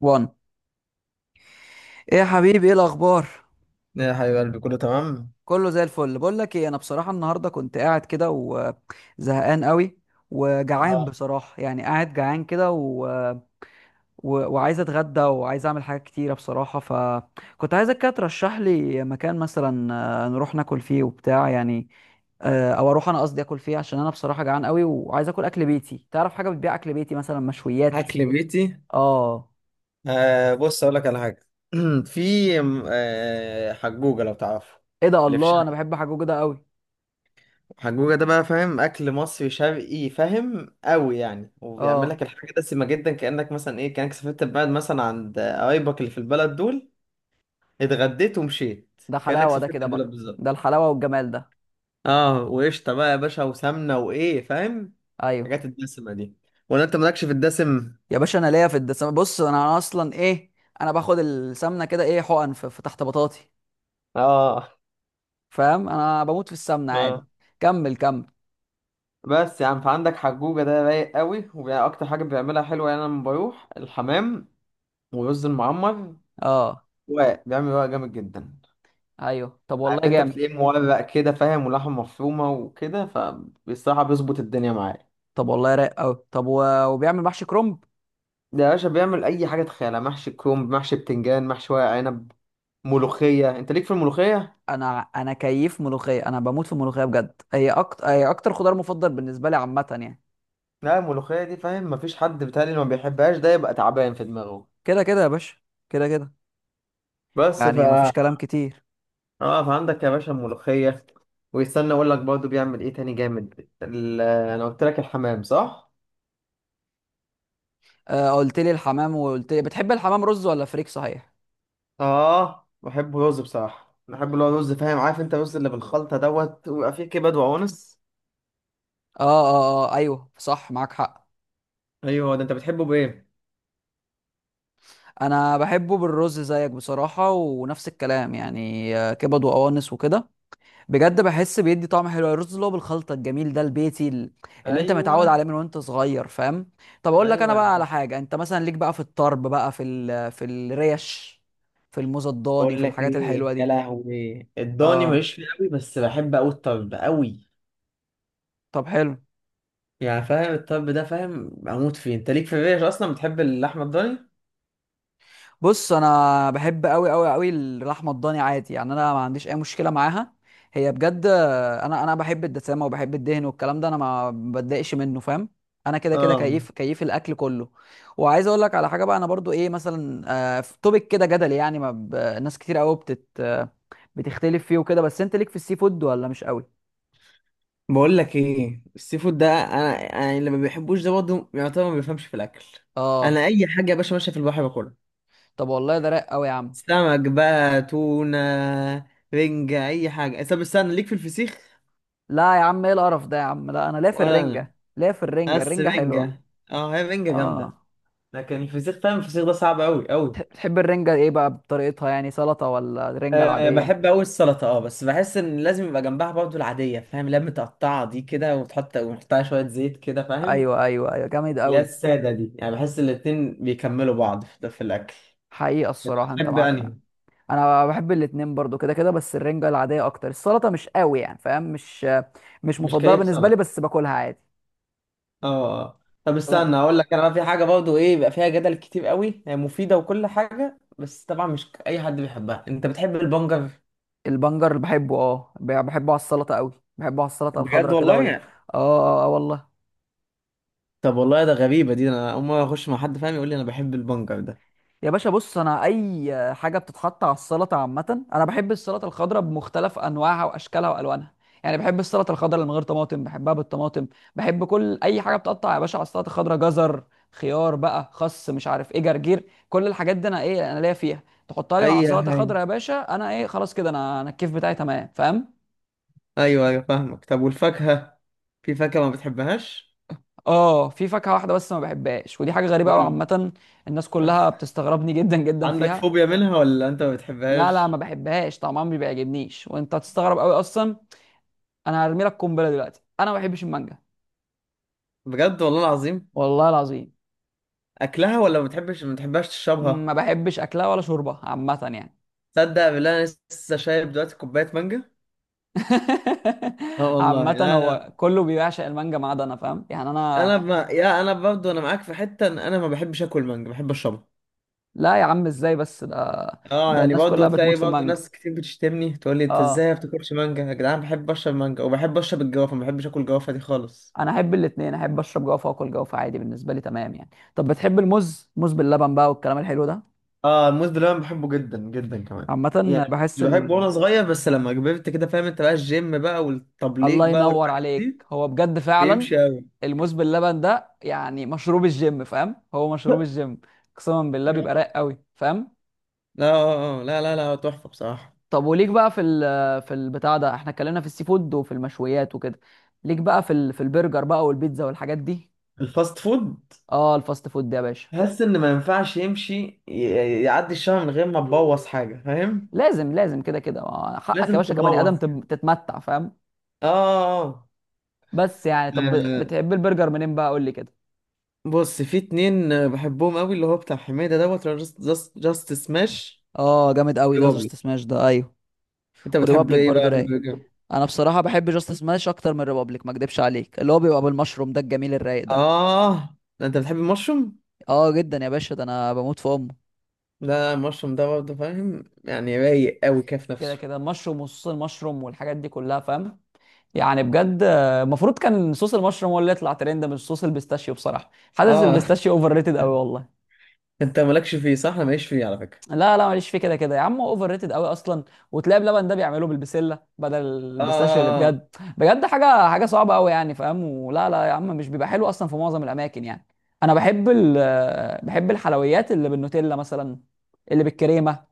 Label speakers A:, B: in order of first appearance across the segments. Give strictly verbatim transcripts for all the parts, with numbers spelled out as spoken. A: وان، ايه يا حبيبي؟ ايه الاخبار؟
B: يا حبيب قلبي كله تمام.
A: كله زي الفل. بقول لك ايه، انا بصراحه النهارده كنت قاعد كده وزهقان قوي وجعان
B: اه.
A: بصراحه، يعني قاعد جعان كده و... و... وعايز اتغدى وعايز اعمل حاجات كتيره بصراحه، فكنت عايزك كده ترشح لي مكان مثلا آه، نروح ناكل فيه وبتاع يعني. آه، او اروح، انا قصدي اكل فيه، عشان انا بصراحه جعان قوي وعايز اكل، اكل بيتي. تعرف حاجه بتبيع اكل بيتي مثلا؟ مشويات؟
B: اكل بيتي.
A: اه،
B: آه، بص اقول لك على حاجه. في آه حجوجه لو تعرفه
A: ايه ده؟
B: اللي في
A: الله، انا
B: شرقي.
A: بحب حاجه كده قوي.
B: حجوجه ده بقى فاهم اكل مصري شرقي فاهم قوي يعني وبيعمل
A: اه،
B: لك الحاجه دسمه جدا كانك مثلا ايه كانك سافرت البلد مثلا عند قرايبك اللي في البلد دول. اتغديت ومشيت
A: ده
B: كانك
A: حلاوه، ده
B: سافرت
A: كده
B: البلد
A: بقى
B: بالظبط.
A: ده الحلاوه والجمال ده.
B: اه وقشطه بقى يا باشا وسمنه وايه فاهم
A: ايوه
B: الحاجات الدسمه دي. ولا انت مالكش في الدسم؟
A: يا باشا، انا ليا في الدسم. بص، انا اصلا ايه، انا باخد السمنه كده ايه، حقن في, في تحت بطاطي.
B: اه
A: فاهم؟ انا بموت في السمنه عادي.
B: اه.
A: كمل، كمل.
B: بس يعني فعندك حجوجة ده رايق قوي وأكتر حاجة بيعملها حلوة يعني أنا لما بروح الحمام ورز المعمر
A: اه،
B: وبيعمل رقاق جامد جدا.
A: ايوه. طب
B: عارف
A: والله
B: أنت
A: جامد.
B: بتلاقيه مورق كده فاهم ولحمة مفرومة وكده فبصراحة بيظبط الدنيا معايا.
A: طب والله رايق قوي. طب و... وبيعمل محشي كرنب؟
B: ده يا باشا بيعمل أي حاجة تخيلها محشي كرنب محشي بتنجان محشي ورق عنب. ملوخية أنت ليك في الملوخية؟
A: انا انا كيف ملوخيه؟ انا بموت في الملوخيه بجد، هي اكتر، هي اكتر خضار مفضل بالنسبه لي عامه يعني.
B: لا الملوخية دي فاهم مفيش حد بيتهيألي ما بيحبهاش ده يبقى تعبان في دماغه.
A: كده كده يا باشا، كده كده.
B: بس ف
A: يعني مفيش كلام كتير.
B: اه فعندك يا باشا الملوخية. ويستنى اقول لك برضه بيعمل ايه تاني جامد ال- انا قلت لك الحمام صح؟
A: آه، قلت لي الحمام، وقلت لي بتحب الحمام رز ولا فريك صحيح؟
B: اه بحبه رز بصراحة بحب اللي هو رز فاهم عارف انت الرز اللي بالخلطة دوت ويبقى فيه كبد وقوانص.
A: اه اه، اه ايوه صح، معاك حق.
B: ايوه ده انت بتحبه بايه؟
A: انا بحبه بالرز زيك بصراحه، ونفس الكلام يعني، آه، كبد وقوانص وكده. بجد بحس بيدي طعم حلو، الرز اللي هو بالخلطه الجميل ده، البيتي ال- اللي انت متعود
B: ايوه
A: عليه من وانت صغير. فاهم؟ طب اقول لك انا
B: ايوه.
A: بقى على حاجه، انت مثلا ليك بقى في الطرب بقى، في ال... في الريش، في الموز الضاني،
B: بقول
A: في
B: لك
A: الحاجات الحلوه
B: ايه يا
A: دي؟
B: لهوي الضاني
A: اه،
B: ماليش فيه قوي بس بحب قوي الطرب قوي.
A: طب حلو.
B: يعني فاهم الطرب ده فاهم بموت فيه انت ليك في الريش اصلا بتحب اللحمة الضاني؟
A: بص، انا بحب قوي قوي قوي اللحمه الضاني، عادي يعني، انا ما عنديش اي مشكله معاها، هي بجد. انا انا بحب الدسامه وبحب الدهن والكلام ده، انا ما بتضايقش منه، فاهم؟ انا كده كده،
B: اه.
A: كيف كيف الاكل كله. وعايز اقول لك على حاجه بقى، انا برضو ايه مثلا، آه، في توبيك كده جدل يعني، ما ب... ناس كتير قوي بتت آه بتختلف فيه وكده، بس انت ليك في السي فود ولا مش قوي؟
B: بقول لك ايه السي فود ده انا يعني اللي ما بيحبوش ده برضه يعتبر ما بيفهمش في الاكل. انا
A: اه،
B: اي حاجه يا باشا ماشيه في البحر باكلها.
A: طب والله ده رايق قوي يا عم.
B: سمك بقى تونه. رنجه اي حاجه طب استنى ليك في الفسيخ؟
A: لا يا عم، ايه القرف ده يا عم؟ لا انا ليا في
B: ولا انا.
A: الرنجه، ليا في الرنجه،
B: بس
A: الرنجه حلوه.
B: رنجه. اه هي رنجه جامده.
A: اه.
B: لكن الفسيخ فاهم الفسيخ ده صعب قوي قوي.
A: بتحب الرنجه ايه بقى، بطريقتها يعني سلطه ولا الرنجه
B: أه
A: العاديه؟
B: بحب قوي السلطه اه بس بحس ان لازم يبقى جنبها برضه العاديه فاهم اللي هي متقطعه دي كده وتحط ونحطها شويه زيت كده فاهم.
A: ايوه ايوه ايوه، جامد
B: اللي هي
A: قوي.
B: الساده دي يعني بحس الاتنين بيكملوا بعض في في الاكل.
A: حقيقه الصراحه انت
B: بتحب
A: معاك حق.
B: انهي؟
A: انا بحب الاتنين برضو كده كده، بس الرنجة العادية اكتر، السلطة مش قوي يعني، فاهم؟ مش، مش
B: مش
A: مفضلة
B: كيف
A: بالنسبة لي،
B: سلطه.
A: بس باكلها عادي.
B: اه اه. طب استنى مم.
A: طب،
B: اقول لك انا بقى في حاجه برضه ايه بيبقى فيها جدل كتير قوي هي مفيده وكل حاجه بس طبعا مش اي حد بيحبها انت بتحب البنجر؟
A: البنجر بحبه، اه ب- بحبه على السلطة قوي. بحبه على السلطة
B: بجد
A: الخضراء كده وال...
B: والله؟
A: اه. اه، آه، والله.
B: طب والله ده غريبه دي انا اول مره اخش مع حد فاهم يقول لي انا بحب البنجر ده.
A: يا باشا بص، انا اي حاجه بتتحط على السلطه عامه، انا بحب السلطه الخضراء بمختلف انواعها واشكالها والوانها. يعني بحب السلطه الخضراء اللي من غير طماطم، بحبها بالطماطم، بحب كل اي حاجه بتقطع يا باشا على السلطه الخضراء: جزر، خيار بقى، خس، مش عارف ايه، جرجير، كل الحاجات دي انا ايه، انا ليا فيها. تحطها لي مع
B: اي
A: السلطه الخضراء
B: حاجه.
A: يا باشا، انا ايه، خلاص كده، انا انا الكيف بتاعي تمام. فاهم؟
B: ايوه ايوه فاهمك طب والفاكهه. في فاكهه ما بتحبهاش؟
A: اه، في فاكهه واحده بس ما بحبهاش، ودي حاجه غريبه قوي
B: قول لي.
A: عامه. الناس كلها بتستغربني جدا جدا
B: عندك
A: فيها.
B: فوبيا منها ولا انت ما
A: لا لا، ما
B: بتحبهاش؟
A: بحبهاش، طعمها ما بيعجبنيش. وانت هتستغرب قوي اصلا، انا هرمي لك قنبله دلوقتي: انا ما بحبش المانجا.
B: بجد والله العظيم؟
A: والله العظيم،
B: اكلها ولا ما بتحبش ما بتحبهاش
A: ما
B: تشربها؟
A: بحبش اكلها ولا شربها عامه يعني.
B: تصدق بالله انا لسه شايب دلوقتي كوبايه مانجا. اه والله
A: عامه،
B: لا لا
A: هو كله بيعشق المانجا ما عدا انا، فاهم يعني انا.
B: انا ما يا انا برضه انا معاك في حته ان انا ما بحبش اكل مانجا بحب اشربها.
A: لا يا عم، ازاي بس ده؟
B: اه
A: ده
B: يعني
A: الناس
B: برضه
A: كلها بتموت
B: تلاقي
A: في
B: برضه
A: المانجا.
B: ناس كتير بتشتمني تقول لي انت ازاي
A: اه،
B: ما بتاكلش مانجا يا جدعان بحب اشرب مانجا وبحب اشرب الجوافه ما بحبش اكل الجوافه دي خالص.
A: انا احب الاثنين، احب اشرب جوافه واكل جوافه عادي، بالنسبه لي تمام يعني. طب بتحب الموز؟ موز باللبن بقى والكلام الحلو ده؟
B: اه الموز باللبن بحبه جدا جدا كمان. يعني
A: عامه بحس
B: مش بحبه
A: ال...
B: وانا صغير بس لما كبرت كده فاهم انت بقى الجيم بقى والتبليج
A: الله
B: بقى
A: ينور
B: والحاجات دي.
A: عليك، هو بجد فعلا.
B: بيمشي قوي.
A: الموز باللبن ده يعني مشروب الجيم، فاهم، هو مشروب الجيم. قسما بالله بيبقى رايق
B: لا
A: قوي، فاهم؟
B: لا لا لا لا تحفه بصراحه.
A: طب، وليك بقى في ال في البتاع ده، احنا اتكلمنا في السي فود وفي المشويات وكده، ليك بقى في ال في البرجر بقى والبيتزا والحاجات دي؟
B: الفاست فود.
A: اه، الفاست فود ده يا باشا
B: تحس ان ما ينفعش يمشي ي- يعدي الشهر من غير ما تبوظ حاجه فاهم.
A: لازم لازم كده كده. آه، حقك يا
B: لازم
A: باشا، كبني ادم
B: تبوظ كده.
A: تب- تتمتع، فاهم؟
B: اه.
A: بس يعني، طب
B: آه،
A: بتحب البرجر منين بقى؟ قول لي كده.
B: بص في اتنين آه، بحبهم قوي اللي هو بتاع حميدة دوت جاست جاست جاست سماش.
A: اه، جامد قوي ده،
B: بابلو.
A: جاست سماش ده، ايوه،
B: انت بتحب
A: وريبابليك
B: ايه
A: برضو
B: بقى في
A: رايق.
B: البرجر؟
A: انا بصراحه بحب جاست سماش اكتر من ريبابليك، ما اكدبش عليك، اللي هو بيبقى بالمشروم ده، الجميل الرايق ده.
B: اه ده انت بتحب المشروم؟
A: اه، جدا يا باشا، ده انا بموت في امه.
B: لا المشروم ده برضه فاهم يعني رايق قوي كده في
A: كده
B: نفسه.
A: كده المشروم، وصوص المشروم والحاجات دي كلها، فاهم؟ يعني بجد، آه، المفروض كان صوص المشروم هو اللي يطلع ترند، مش صوص البيستاشيو. بصراحه حاسس
B: اه.
A: البيستاشيو اوفر ريتد قوي والله.
B: انت مالكش فيه صح انا ماليش فيه على فكرة.
A: لا لا، ماليش فيه كده كده يا عم، هو اوفر ريتد قوي اصلا. وتلاقي بلبن ده بيعملوه بالبسله بدل
B: اه
A: البيستاشيو اللي
B: آه، آه.
A: بجد، بجد حاجه، حاجه صعبه قوي يعني، فاهم؟ ولا لا يا عم، مش بيبقى حلو اصلا في معظم الاماكن يعني. انا بحب ال بحب الحلويات اللي بالنوتيلا مثلا، اللي بالكريمه،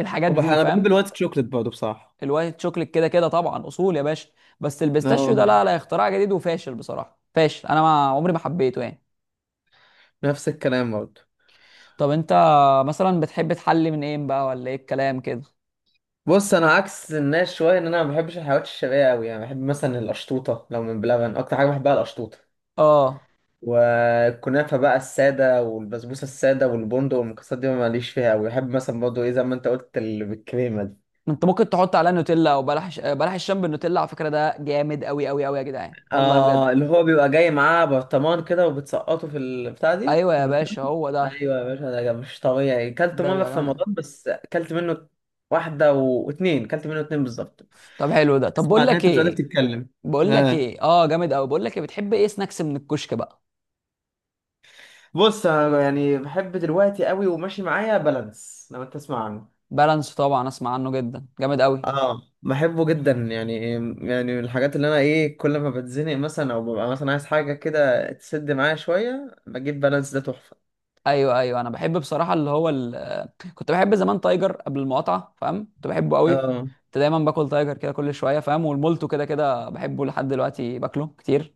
A: الحاجات
B: وبح...
A: دي
B: انا بحب
A: فاهم؟
B: الوايت شوكليت برضه بصراحة.
A: الوايت شوكليت كده كده طبعا اصول يا باشا. بس البيستاشيو ده
B: اه
A: لا لا، اختراع جديد وفاشل بصراحه، فاشل، انا ما عمري ما حبيته يعني.
B: نفس الكلام برضه.
A: طب انت مثلا بتحب تحلي من ايه بقى، ولا ايه الكلام كده؟
B: بص انا عكس الناس شويه ان انا ما بحبش الحلويات الشرقيه قوي يعني بحب مثلا القشطوطه لو من بلبن اكتر حاجه بحبها القشطوطه.
A: اه،
B: والكنافه بقى الساده والبسبوسه الساده والبندق والمكسرات دي ماليش فيها قوي بحب مثلا برضه ايه زي ما انت قلت اللي بالكريمه دي.
A: انت ممكن تحط عليها نوتيلا، او بلح ش... بلح الشام بالنوتيلا على فكره، ده جامد قوي قوي قوي يا جدعان والله بجد.
B: اه اللي هو بيبقى جاي معاه برطمان كده وبتسقطه في البتاع دي
A: ايوه
B: في
A: يا باشا،
B: النوتيلا.
A: هو ده.
B: ايوه يا باشا ده مش طبيعي كلت
A: ده
B: مره
A: بيبقى
B: في
A: جامد قوي.
B: رمضان بس كلت منه واحده و- واتنين كلت منه اتنين بالظبط.
A: طب حلو ده. طب
B: تسمع
A: بقول
B: ده
A: لك
B: انت مش قادر
A: ايه،
B: تتكلم.
A: بقول لك ايه، اه جامد قوي. بقول لك ايه، بتحب ايه سناكس من الكشك بقى؟
B: بص انا يعني بحب دلوقتي قوي وماشي معايا بالانس لو انت تسمع عنه.
A: بالانس طبعا، اسمع عنه جدا، جامد قوي.
B: اه بحبه جدا يعني. يعني من الحاجات اللي انا ايه كل ما بتزنق مثلا او ببقى مثلا عايز حاجه كده تسد معايا شويه بجيب بالانس ده تحفه.
A: ايوه ايوه، انا بحب بصراحه اللي هو ال... كنت بحب زمان تايجر قبل المقاطعه، فاهم، كنت بحبه قوي.
B: اه
A: كنت دايما باكل تايجر كده كل شويه، فاهم، والمولتو كده كده بحبه لحد دلوقتي، باكله كتير،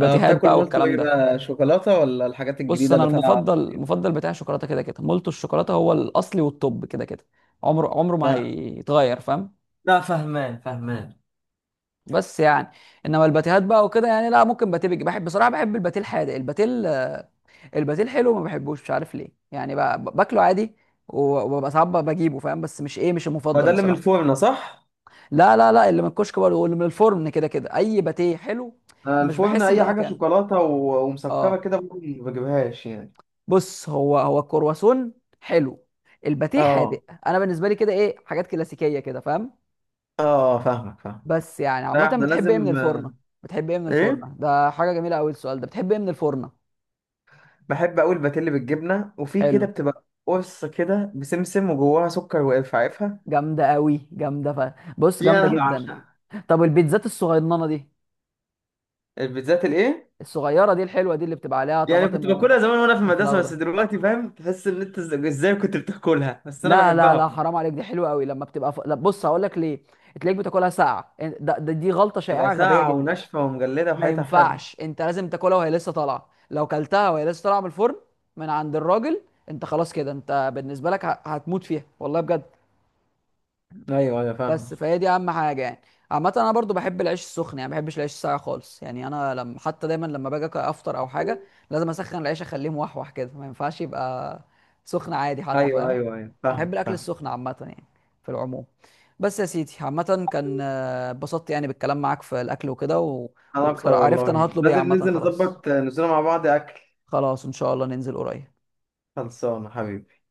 B: اه بتاكل
A: بقى
B: مولتو
A: والكلام
B: ايه
A: ده.
B: بقى شوكولاته ولا الحاجات
A: بص،
B: الجديده
A: انا
B: اللي طالعه؟
A: المفضل، المفضل بتاعي شوكولاته كده كده، مولتو الشوكولاته هو الاصلي والتوب كده كده، عمره عمره ما
B: لا
A: هيتغير، فاهم؟
B: لا فهمان فهمان.
A: بس يعني، انما الباتيهات بقى وكده يعني، لا، ممكن باتيه بيجي بحب، بصراحه بحب الباتيه الحادق. الباتيه ال- الباتيه الحلو ما بحبوش، مش عارف ليه، يعني ب- ب- باكله عادي، و- وببقى ساعات ب- بجيبه، فاهم، بس مش ايه، مش
B: هو
A: المفضل
B: ده اللي من
A: بصراحه.
B: الفرن صح؟
A: لا لا لا، اللي من الكشك برضه واللي من الفرن كده كده، اي باتيه حلو
B: آه،
A: مش
B: الفرن
A: بحس ان ده
B: اي حاجه
A: مكانه.
B: شوكولاته و- ومسكره
A: اه،
B: كده برضه ما بجيبهاش يعني.
A: بص، هو هو الكرواسون حلو، الباتيه حادق،
B: اه
A: انا بالنسبه لي كده ايه، حاجات كلاسيكيه كده، فاهم؟
B: اه فاهمك فاهم.
A: بس يعني عامه
B: لا احنا
A: بتحب ايه من
B: لازم.
A: الفرنه؟ بتحب ايه من
B: ايه
A: الفرنه؟ ده حاجه جميله قوي السؤال ده، بتحب ايه من الفرنه؟
B: بحب اقول باتيلي بالجبنه وفي
A: حلو،
B: كده بتبقى قرص كده بسمسم وجواها سكر وقرفه عارفها؟
A: جامده قوي، جامده ف... بص
B: دي
A: جامده
B: انا
A: جدا.
B: بعشقها.
A: طب البيتزات الصغننه دي،
B: البيتزات الايه؟
A: الصغيره دي الحلوه دي، اللي بتبقى عليها
B: يعني
A: طماطم
B: كنت باكلها زمان وانا في
A: وفلفل
B: المدرسه بس
A: اخضر؟
B: دلوقتي فاهم تحس ان انت إز- ازاي كنت بتاكلها بس انا
A: لا لا
B: بحبها.
A: لا، حرام عليك، دي حلوه قوي. لما بتبقى ف... لا، بص هقول لك ليه، تلاقيك بتاكلها ساقعه، ده, ده دي غلطه
B: تبقى
A: شائعه غبيه
B: ساقعه
A: جدا.
B: وناشفه ومجلده
A: ما
B: وحياتها حلوه.
A: ينفعش، انت لازم تاكلها وهي لسه طالعه، لو كلتها وهي لسه طالعه من الفرن، من عند الراجل، انت خلاص كده، انت بالنسبه لك ه- هتموت فيها، والله بجد.
B: ايوه ايوه فاهمك.
A: بس فهي دي اهم حاجه يعني. عامه انا برضو بحب العيش السخن يعني، ما بحبش العيش الساقع خالص يعني. انا لما حتى دايما لما باجي أك- افطر او حاجه، لازم اسخن العيش، اخليه موحوح كده، ما ينفعش يبقى سخن عادي حتى،
B: ايوه
A: فاهم؟
B: ايوه ايوه
A: انا بحب
B: فاهمك
A: الاكل
B: فاهمك.
A: السخن عامه يعني، في العموم. بس يا سيدي، عامه كان آه، اتبسطت يعني بالكلام معاك في الاكل وكده و...
B: انا اكتر
A: وبصراحه عرفت
B: والله
A: انا هطلب ايه
B: لازم
A: عامه،
B: ننزل
A: خلاص،
B: نظبط آه، نزوله مع بعض اكل.
A: خلاص ان شاء الله ننزل قريب.
B: خلصانه حبيبي.